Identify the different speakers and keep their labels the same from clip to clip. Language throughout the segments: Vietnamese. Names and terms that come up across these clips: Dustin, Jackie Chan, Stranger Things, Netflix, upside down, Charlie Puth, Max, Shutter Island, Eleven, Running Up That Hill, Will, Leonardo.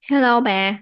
Speaker 1: Hello bà.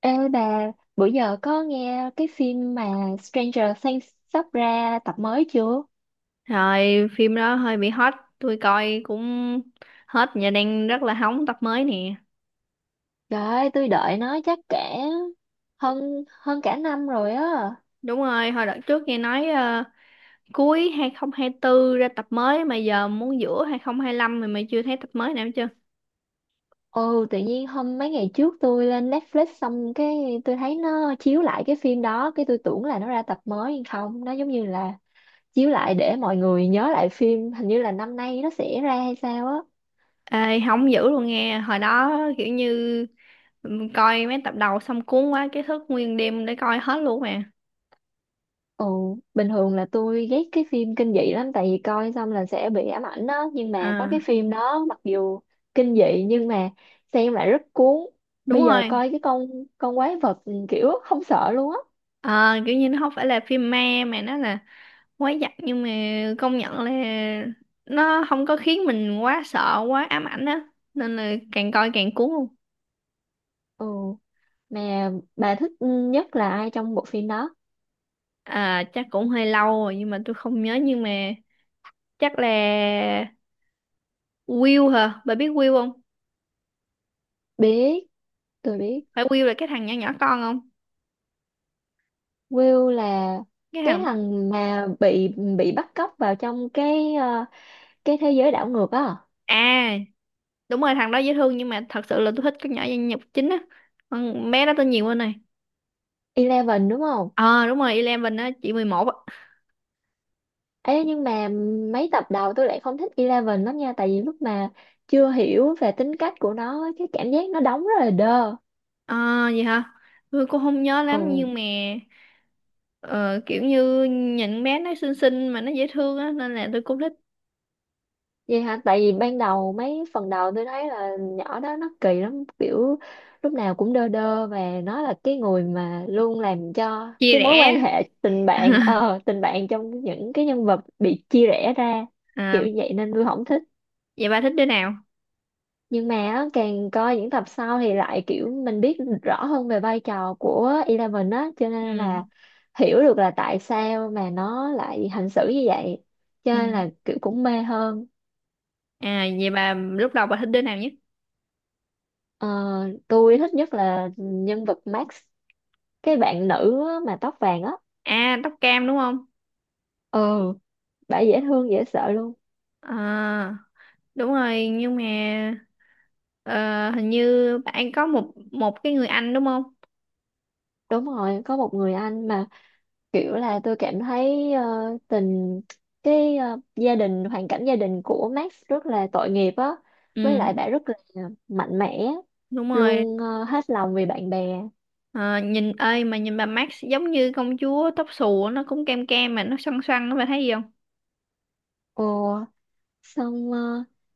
Speaker 2: Ê bà, bữa giờ có nghe cái phim mà Stranger Things sắp ra tập mới chưa?
Speaker 1: Rồi, phim đó hơi bị hot, tôi coi cũng hết và đang rất là hóng tập mới nè.
Speaker 2: Trời ơi, tôi đợi nó chắc cả hơn hơn cả năm rồi á.
Speaker 1: Đúng rồi, hồi đợt trước nghe nói cuối 2024 ra tập mới mà giờ muốn giữa 2025 mà mày chưa thấy tập mới nào hết chưa?
Speaker 2: Ừ, tự nhiên hôm mấy ngày trước tôi lên Netflix xong cái tôi thấy nó chiếu lại cái phim đó, cái tôi tưởng là nó ra tập mới nhưng không, nó giống như là chiếu lại để mọi người nhớ lại phim, hình như là năm nay nó sẽ ra hay sao á.
Speaker 1: Ê, hóng dữ luôn nghe, hồi đó kiểu như coi mấy tập đầu xong cuốn quá cái thức nguyên đêm để coi hết luôn mà.
Speaker 2: Ồ, bình thường là tôi ghét cái phim kinh dị lắm tại vì coi xong là sẽ bị ám ảnh đó, nhưng mà có
Speaker 1: À,
Speaker 2: cái phim đó mặc dù kinh dị nhưng mà xem lại rất cuốn.
Speaker 1: đúng
Speaker 2: Bây giờ
Speaker 1: rồi.
Speaker 2: coi cái con quái vật, kiểu không sợ luôn á.
Speaker 1: Ờ, kiểu như nó không phải là phim ma mà nó là quá giặc, nhưng mà công nhận là nó không có khiến mình quá sợ quá ám ảnh á, nên là càng coi càng cuốn luôn.
Speaker 2: Ừ, mà bà thích nhất là ai trong bộ phim đó?
Speaker 1: À chắc cũng hơi lâu rồi nhưng mà tôi không nhớ, nhưng mà chắc là Will hả, bà biết Will không?
Speaker 2: Biết. Tôi biết.
Speaker 1: Phải Will là cái thằng nhỏ nhỏ con không?
Speaker 2: Will là
Speaker 1: Cái
Speaker 2: cái
Speaker 1: thằng.
Speaker 2: thằng mà bị bắt cóc vào trong cái cái thế giới đảo ngược á.
Speaker 1: À đúng rồi, thằng đó dễ thương nhưng mà thật sự là tôi thích cái nhỏ nhân vật chính á, con bé đó tên gì quên này.
Speaker 2: Eleven đúng không?
Speaker 1: Ờ đúng rồi Eleven á, chị 11 á.
Speaker 2: Ê, nhưng mà mấy tập đầu tôi lại không thích Eleven lắm nha, tại vì lúc mà chưa hiểu về tính cách của nó, cái cảm giác nó đóng rất là đơ.
Speaker 1: Ờ gì hả, tôi cũng không nhớ lắm
Speaker 2: Ừ,
Speaker 1: nhưng mà Ờ, kiểu như nhìn bé nó xinh xinh mà nó dễ thương á, nên là tôi cũng thích.
Speaker 2: vậy hả? Tại vì ban đầu mấy phần đầu tôi thấy là nhỏ đó nó kỳ lắm, kiểu lúc nào cũng đơ đơ, và nó là cái người mà luôn làm cho
Speaker 1: Chia
Speaker 2: cái mối quan
Speaker 1: rẽ.
Speaker 2: hệ tình bạn, tình bạn trong những cái nhân vật bị chia rẽ ra,
Speaker 1: À,
Speaker 2: kiểu vậy nên tôi không thích.
Speaker 1: vậy bà thích đứa nào?
Speaker 2: Nhưng mà á, càng coi những tập sau thì lại kiểu mình biết rõ hơn về vai trò của Eleven á, cho nên
Speaker 1: Ừ
Speaker 2: là hiểu được là tại sao mà nó lại hành xử như vậy, cho
Speaker 1: ừ.
Speaker 2: nên là kiểu cũng mê hơn.
Speaker 1: À vậy bà lúc đầu bà thích đứa nào nhất?
Speaker 2: Ờ, tôi thích nhất là nhân vật Max, cái bạn nữ á, mà tóc vàng á.
Speaker 1: À tóc cam đúng không?
Speaker 2: Ừ, bả dễ thương dễ sợ luôn.
Speaker 1: À đúng rồi, nhưng mà ờ, hình như bạn có một một cái người anh đúng không?
Speaker 2: Đúng rồi, có một người anh mà kiểu là tôi cảm thấy, tình, cái gia đình, hoàn cảnh gia đình của Max rất là tội nghiệp á.
Speaker 1: Ừ
Speaker 2: Với lại bà rất là mạnh mẽ
Speaker 1: đúng rồi.
Speaker 2: luôn, hết lòng vì bạn bè.
Speaker 1: Ờ, nhìn ơi mà nhìn bà Max giống như công chúa tóc xù á, nó cũng cam cam mà nó xoăn xoăn á, bà thấy gì không?
Speaker 2: Ồ, xong,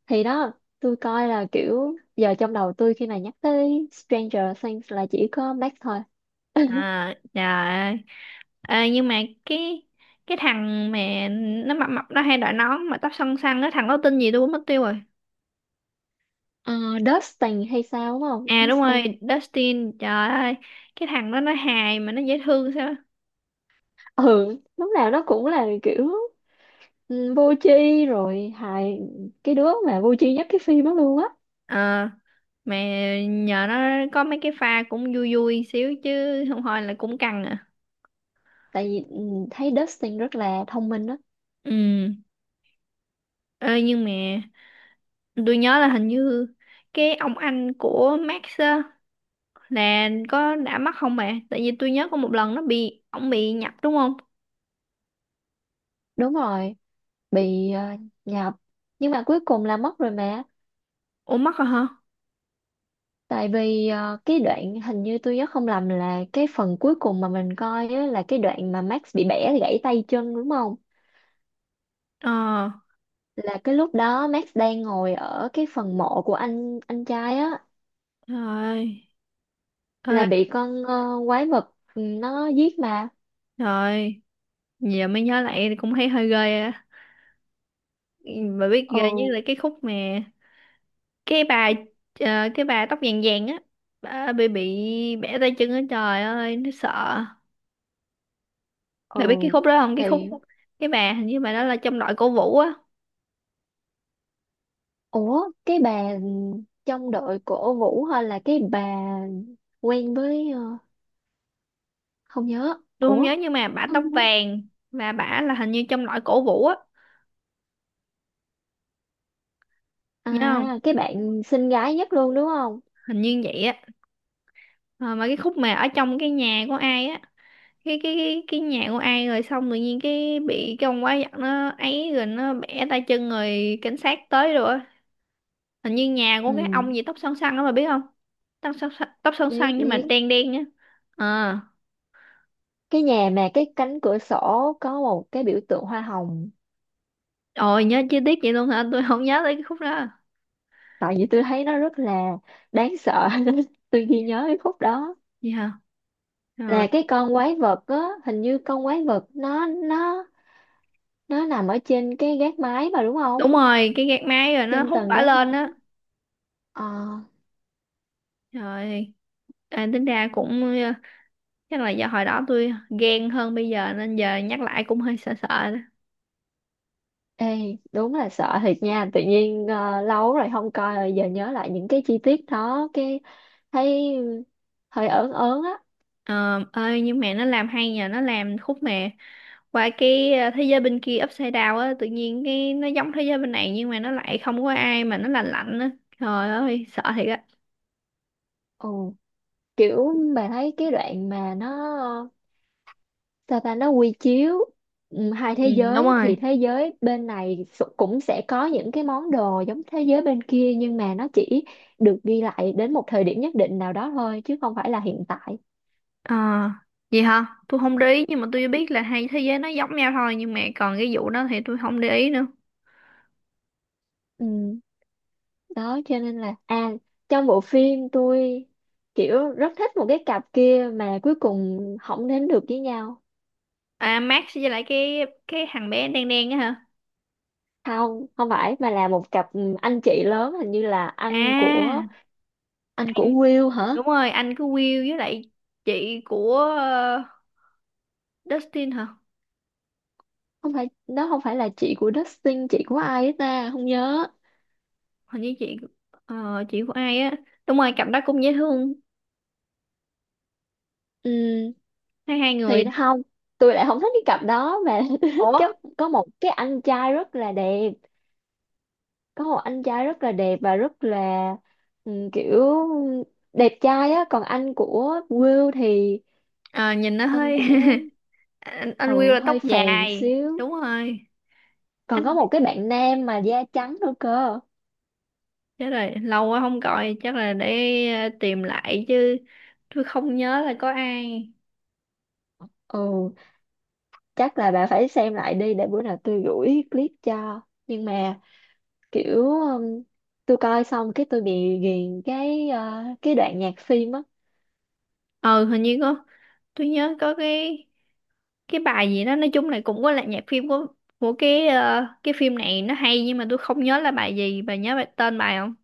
Speaker 2: thì đó, tôi coi là kiểu giờ trong đầu tôi khi mà nhắc tới Stranger Things là chỉ có Max thôi.
Speaker 1: À trời ơi. Ờ, nhưng mà cái cái thằng mà nó mập mập nó hay đội nón mà tóc xoăn xoăn á, thằng đó tên gì tôi cũng mất tiêu rồi.
Speaker 2: Ờ, Dustin hay sao đúng không?
Speaker 1: À đúng rồi
Speaker 2: Dustin.
Speaker 1: Dustin, trời ơi, cái thằng đó nó hài mà nó dễ thương sao á.
Speaker 2: Ừ, lúc nào nó cũng là kiểu vô tri rồi hài, cái đứa mà vô tri nhất cái phim đó luôn á.
Speaker 1: Ờ, mà nhờ nó có mấy cái pha cũng vui vui xíu chứ không thôi là cũng căng à.
Speaker 2: Tại vì thấy Dustin rất là thông minh đó.
Speaker 1: Ừ. Ê, nhưng mà tôi nhớ là hình như cái ông anh của Max á, nè có đã mắc không mẹ? Tại vì tôi nhớ có một lần nó bị ổng bị nhập đúng không?
Speaker 2: Đúng rồi, bị nhập, nhưng mà cuối cùng là mất rồi mà.
Speaker 1: Ủa mắc rồi hả?
Speaker 2: Tại vì cái đoạn, hình như tôi nhớ không lầm, là cái phần cuối cùng mà mình coi á, là cái đoạn mà Max bị bẻ gãy tay chân đúng không,
Speaker 1: Ờ.
Speaker 2: là cái lúc đó Max đang ngồi ở cái phần mộ của anh trai á,
Speaker 1: Trời ơi. Ê,
Speaker 2: là bị con quái vật, nó giết mà.
Speaker 1: trời ơi. Giờ mới nhớ lại thì cũng thấy hơi ghê á. Bà biết
Speaker 2: Ừ.
Speaker 1: ghê với lại cái khúc mà cái bà cái bà tóc vàng vàng á, bà bị bẻ tay chân á, trời ơi nó sợ.
Speaker 2: Ừ
Speaker 1: Bà biết cái khúc đó không? Cái
Speaker 2: thì.
Speaker 1: khúc cái bà hình như bà đó là trong đội cổ vũ á.
Speaker 2: Ủa, cái bà trong đội của Vũ hay là cái bà quen với, không nhớ.
Speaker 1: Tôi không
Speaker 2: Ủa,
Speaker 1: nhớ nhưng mà bà
Speaker 2: không
Speaker 1: tóc
Speaker 2: nhớ.
Speaker 1: vàng và bà là hình như trong đội cổ vũ á,
Speaker 2: À,
Speaker 1: nhớ không?
Speaker 2: cái bạn xinh gái nhất luôn đúng không?
Speaker 1: Hình như vậy á. Ờ, mà cái khúc mà ở trong cái nhà của ai á, cái nhà của ai rồi xong tự nhiên cái bị cái ông quá giặc nó ấy rồi nó bẻ tay chân rồi cảnh sát tới rồi á. Hình như nhà của
Speaker 2: Ừ,
Speaker 1: cái ông gì tóc xoăn xoăn đó mà biết không? Tóc xoăn
Speaker 2: biết
Speaker 1: xoăn nhưng mà
Speaker 2: biết.
Speaker 1: đen đen nhá. Ờ.
Speaker 2: Cái nhà mà cái cánh cửa sổ có một cái biểu tượng hoa hồng.
Speaker 1: Ôi nhớ chi tiết vậy luôn hả, tôi không nhớ tới cái khúc đó.
Speaker 2: Tại vì tôi thấy nó rất là đáng sợ nên tôi ghi nhớ cái khúc đó.
Speaker 1: Gì hả. Ờ,
Speaker 2: Là cái con quái vật á, hình như con quái vật nó nằm ở trên cái gác mái mà đúng không?
Speaker 1: đúng rồi cái gạt máy rồi nó
Speaker 2: Trên
Speaker 1: hút
Speaker 2: tầng
Speaker 1: bả
Speaker 2: gác
Speaker 1: lên
Speaker 2: mái.
Speaker 1: á.
Speaker 2: Ờ.
Speaker 1: Trời. À, tính ra cũng chắc là do hồi đó tôi ghen hơn bây giờ nên giờ nhắc lại cũng hơi sợ sợ.
Speaker 2: Ê, đúng là sợ thiệt nha, tự nhiên lâu rồi không coi rồi giờ nhớ lại những cái chi tiết đó, cái thấy hơi ớn ớn á.
Speaker 1: Ờ, ơi nhưng mà nó làm hay, nhờ nó làm khúc mà qua cái thế giới bên kia upside down á, tự nhiên cái nó giống thế giới bên này nhưng mà nó lại không có ai mà nó lạnh lạnh á, trời ơi sợ thiệt á.
Speaker 2: Ừ, kiểu mà thấy cái đoạn mà nó sao ta, nó quy chiếu hai
Speaker 1: Ừ,
Speaker 2: thế
Speaker 1: đúng
Speaker 2: giới,
Speaker 1: rồi.
Speaker 2: thì thế giới bên này cũng sẽ có những cái món đồ giống thế giới bên kia, nhưng mà nó chỉ được ghi lại đến một thời điểm nhất định nào đó thôi chứ không phải là hiện tại.
Speaker 1: Ờ, vậy hả? Tôi không để ý nhưng mà tôi biết là hai thế giới nó giống nhau thôi nhưng mà còn cái vụ đó thì tôi không để ý nữa.
Speaker 2: Ừ. Đó cho nên là à, trong bộ phim tôi kiểu rất thích một cái cặp kia mà cuối cùng không đến được với nhau.
Speaker 1: À Max với lại cái thằng bé đen đen á hả?
Speaker 2: Không, không phải, mà là một cặp anh chị lớn, hình như là
Speaker 1: À
Speaker 2: anh của,
Speaker 1: anh
Speaker 2: Will hả?
Speaker 1: đúng rồi anh của Will với lại chị của Dustin hả?
Speaker 2: Không phải đó, không phải là chị của Dustin, chị của ai ấy ta không nhớ.
Speaker 1: Hình như chị chị của ai á, đúng rồi cặp đó cũng dễ thương,
Speaker 2: Ừ,
Speaker 1: hai hai người.
Speaker 2: thì không, tôi lại không thích cái cặp đó mà tôi thích
Speaker 1: Ủa.
Speaker 2: cái có một cái anh trai rất là đẹp, có một anh trai rất là đẹp và rất là kiểu đẹp trai á. Còn anh của Will thì,
Speaker 1: Ờ, nhìn nó
Speaker 2: anh
Speaker 1: hơi.
Speaker 2: của
Speaker 1: Anh Will
Speaker 2: ừ,
Speaker 1: là tóc
Speaker 2: hơi phèn
Speaker 1: dài
Speaker 2: xíu.
Speaker 1: đúng rồi.
Speaker 2: Còn có
Speaker 1: Anh
Speaker 2: một cái bạn nam mà da trắng nữa cơ.
Speaker 1: chết rồi lâu quá không gọi chắc là để tìm lại chứ tôi không nhớ là có ai.
Speaker 2: Ừ, chắc là bà phải xem lại đi để bữa nào tôi gửi clip cho. Nhưng mà kiểu tôi coi xong cái tôi bị ghiền cái cái đoạn nhạc phim á.
Speaker 1: Ờ hình như có, tôi nhớ có cái bài gì đó nói chung là cũng có là nhạc phim của cái cái phim này nó hay nhưng mà tôi không nhớ là bài gì, bà nhớ bài tên bài không?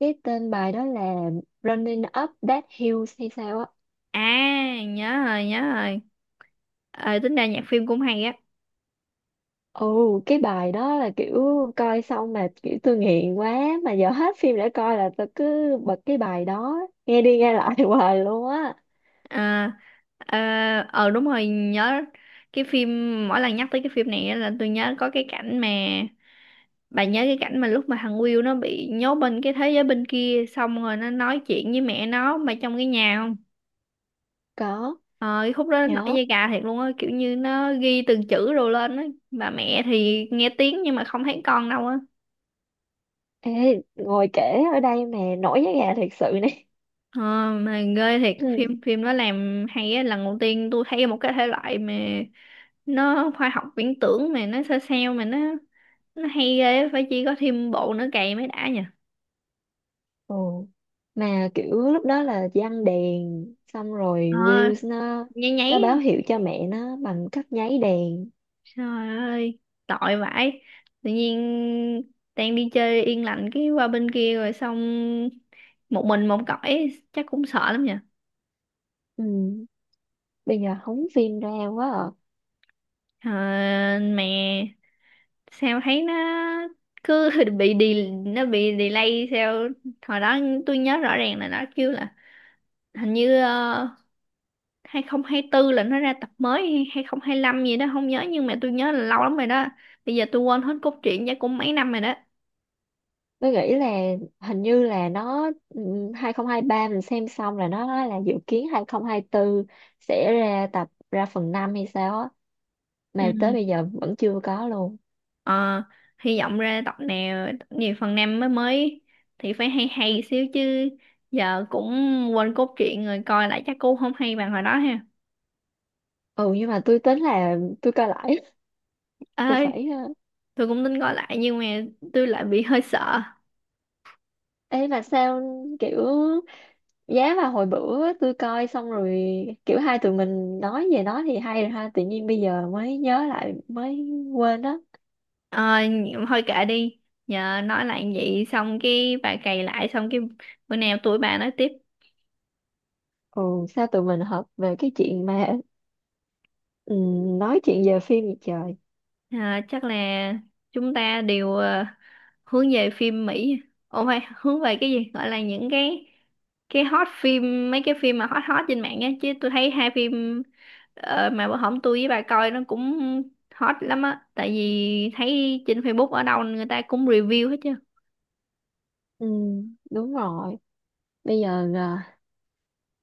Speaker 2: Cái tên bài đó là Running Up That Hill hay sao á.
Speaker 1: À nhớ rồi nhớ rồi. Ờ tính ra nhạc phim cũng hay á.
Speaker 2: Ồ, cái bài đó là kiểu coi xong mà kiểu tôi nghiện quá, mà giờ hết phim để coi là tôi cứ bật cái bài đó nghe đi nghe lại hoài luôn á.
Speaker 1: Ờ ờ ờ, đúng rồi nhớ. Cái phim mỗi lần nhắc tới cái phim này á là tôi nhớ có cái cảnh mà bà nhớ cái cảnh mà lúc mà thằng Will nó bị nhốt bên cái thế giới bên kia xong rồi nó nói chuyện với mẹ nó mà trong cái nhà không?
Speaker 2: Có
Speaker 1: Ờ cái khúc đó nổi
Speaker 2: nhớ.
Speaker 1: da gà thiệt luôn á, kiểu như nó ghi từng chữ rồi lên á, bà mẹ thì nghe tiếng nhưng mà không thấy con đâu á.
Speaker 2: Ê, ngồi kể ở đây mà nổi da gà thiệt sự này.
Speaker 1: Ờ, mà ghê thiệt, phim phim nó làm hay á, lần đầu tiên tôi thấy một cái thể loại mà nó khoa học viễn tưởng mà nó sao sao mà nó hay ghê á, phải chi có thêm bộ nữa cày mới đã nhỉ.
Speaker 2: Ồ mà kiểu lúc đó là giăng đèn, xong rồi
Speaker 1: Ờ
Speaker 2: Wills nó
Speaker 1: nháy
Speaker 2: nó
Speaker 1: nháy
Speaker 2: báo
Speaker 1: á.
Speaker 2: hiệu cho mẹ nó bằng cách nháy đèn.
Speaker 1: Trời ơi tội vãi, tự nhiên đang đi chơi yên lành cái qua bên kia rồi xong một mình một cõi chắc cũng sợ lắm nhỉ.
Speaker 2: Ừ. Bây giờ hóng phim ra quá à.
Speaker 1: Ờ, mẹ sao thấy nó cứ bị đi nó bị delay sao, hồi đó tôi nhớ rõ ràng là nó kêu là hình như 2024 là nó ra tập mới hay 2025 gì đó không nhớ nhưng mà tôi nhớ là lâu lắm rồi đó, bây giờ tôi quên hết cốt truyện chắc cũng mấy năm rồi đó.
Speaker 2: Tôi nghĩ là hình như là nó 2023 mình xem xong là nó nói là dự kiến 2024 sẽ ra tập, ra phần 5 hay sao á, mà tới
Speaker 1: Ừ.
Speaker 2: bây giờ vẫn chưa có luôn.
Speaker 1: ờ, hy vọng ra tập nào tập nhiều phần năm mới mới thì phải hay hay xíu chứ giờ cũng quên cốt truyện rồi coi lại chắc cũng không hay bằng hồi đó ha.
Speaker 2: Ừ, nhưng mà tôi tính là tôi coi lại. Tôi
Speaker 1: Ơi
Speaker 2: phải
Speaker 1: tôi cũng tính coi lại nhưng mà tôi lại bị hơi sợ.
Speaker 2: Ê mà sao, kiểu giá mà hồi bữa tôi coi xong rồi kiểu hai tụi mình nói về nó thì hay rồi ha, tự nhiên bây giờ mới nhớ lại mới quên đó.
Speaker 1: Ờ, thôi kệ đi, nhờ nói lại vậy xong cái bà cày lại xong cái bữa nào tụi bà nói tiếp.
Speaker 2: Ừ, sao tụi mình hợp về cái chuyện mà ừ, nói chuyện về phim vậy trời.
Speaker 1: À, chắc là chúng ta đều hướng về phim Mỹ, ồ phải hướng về cái gì gọi là những cái hot phim mấy cái phim mà hot hot trên mạng á, chứ tôi thấy hai phim mà bữa hổm tôi với bà coi nó cũng hot lắm á, tại vì thấy trên Facebook ở đâu người ta cũng review hết chứ.
Speaker 2: Ừ, đúng rồi. Bây giờ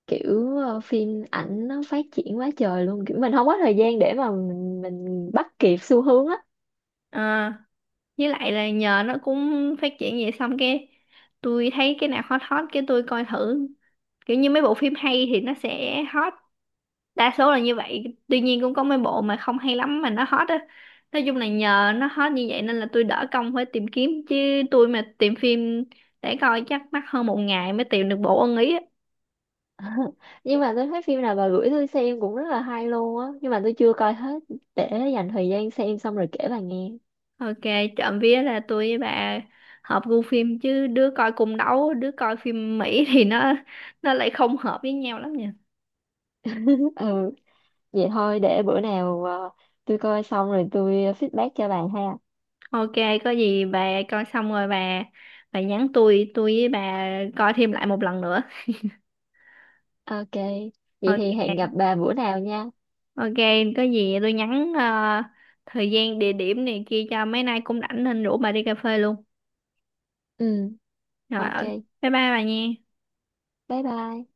Speaker 2: kiểu phim ảnh nó phát triển quá trời luôn, kiểu mình không có thời gian để mà mình bắt kịp xu hướng á.
Speaker 1: Ờ. Với lại là nhờ nó cũng phát triển vậy xong cái tôi thấy cái nào hot hot cái tôi coi thử, kiểu như mấy bộ phim hay thì nó sẽ hot đa số là như vậy, tuy nhiên cũng có mấy bộ mà không hay lắm mà nó hot á, nói chung là nhờ nó hot như vậy nên là tôi đỡ công phải tìm kiếm chứ tôi mà tìm phim để coi chắc mất hơn một ngày mới tìm được bộ ưng ý á.
Speaker 2: Nhưng mà tôi thấy phim nào bà gửi tôi xem cũng rất là hay luôn á, nhưng mà tôi chưa coi hết, để dành thời gian xem xong rồi kể bà nghe.
Speaker 1: Ok. Trộm vía là tôi với bà hợp gu phim chứ đứa coi cung đấu đứa coi phim Mỹ thì nó lại không hợp với nhau lắm nhỉ.
Speaker 2: Ừ, vậy thôi để bữa nào tôi coi xong rồi tôi feedback cho bà ha.
Speaker 1: Ok, có gì bà coi xong rồi bà nhắn tôi với bà coi thêm lại một lần nữa.
Speaker 2: Ok, vậy thì
Speaker 1: Ok,
Speaker 2: hẹn gặp bà bữa nào nha.
Speaker 1: ok, có gì tôi nhắn thời gian địa điểm này kia cho mấy nay cũng rảnh nên rủ bà đi cà phê luôn.
Speaker 2: Ừ,
Speaker 1: Rồi,
Speaker 2: ok.
Speaker 1: bye bye bà nha.
Speaker 2: Bye bye.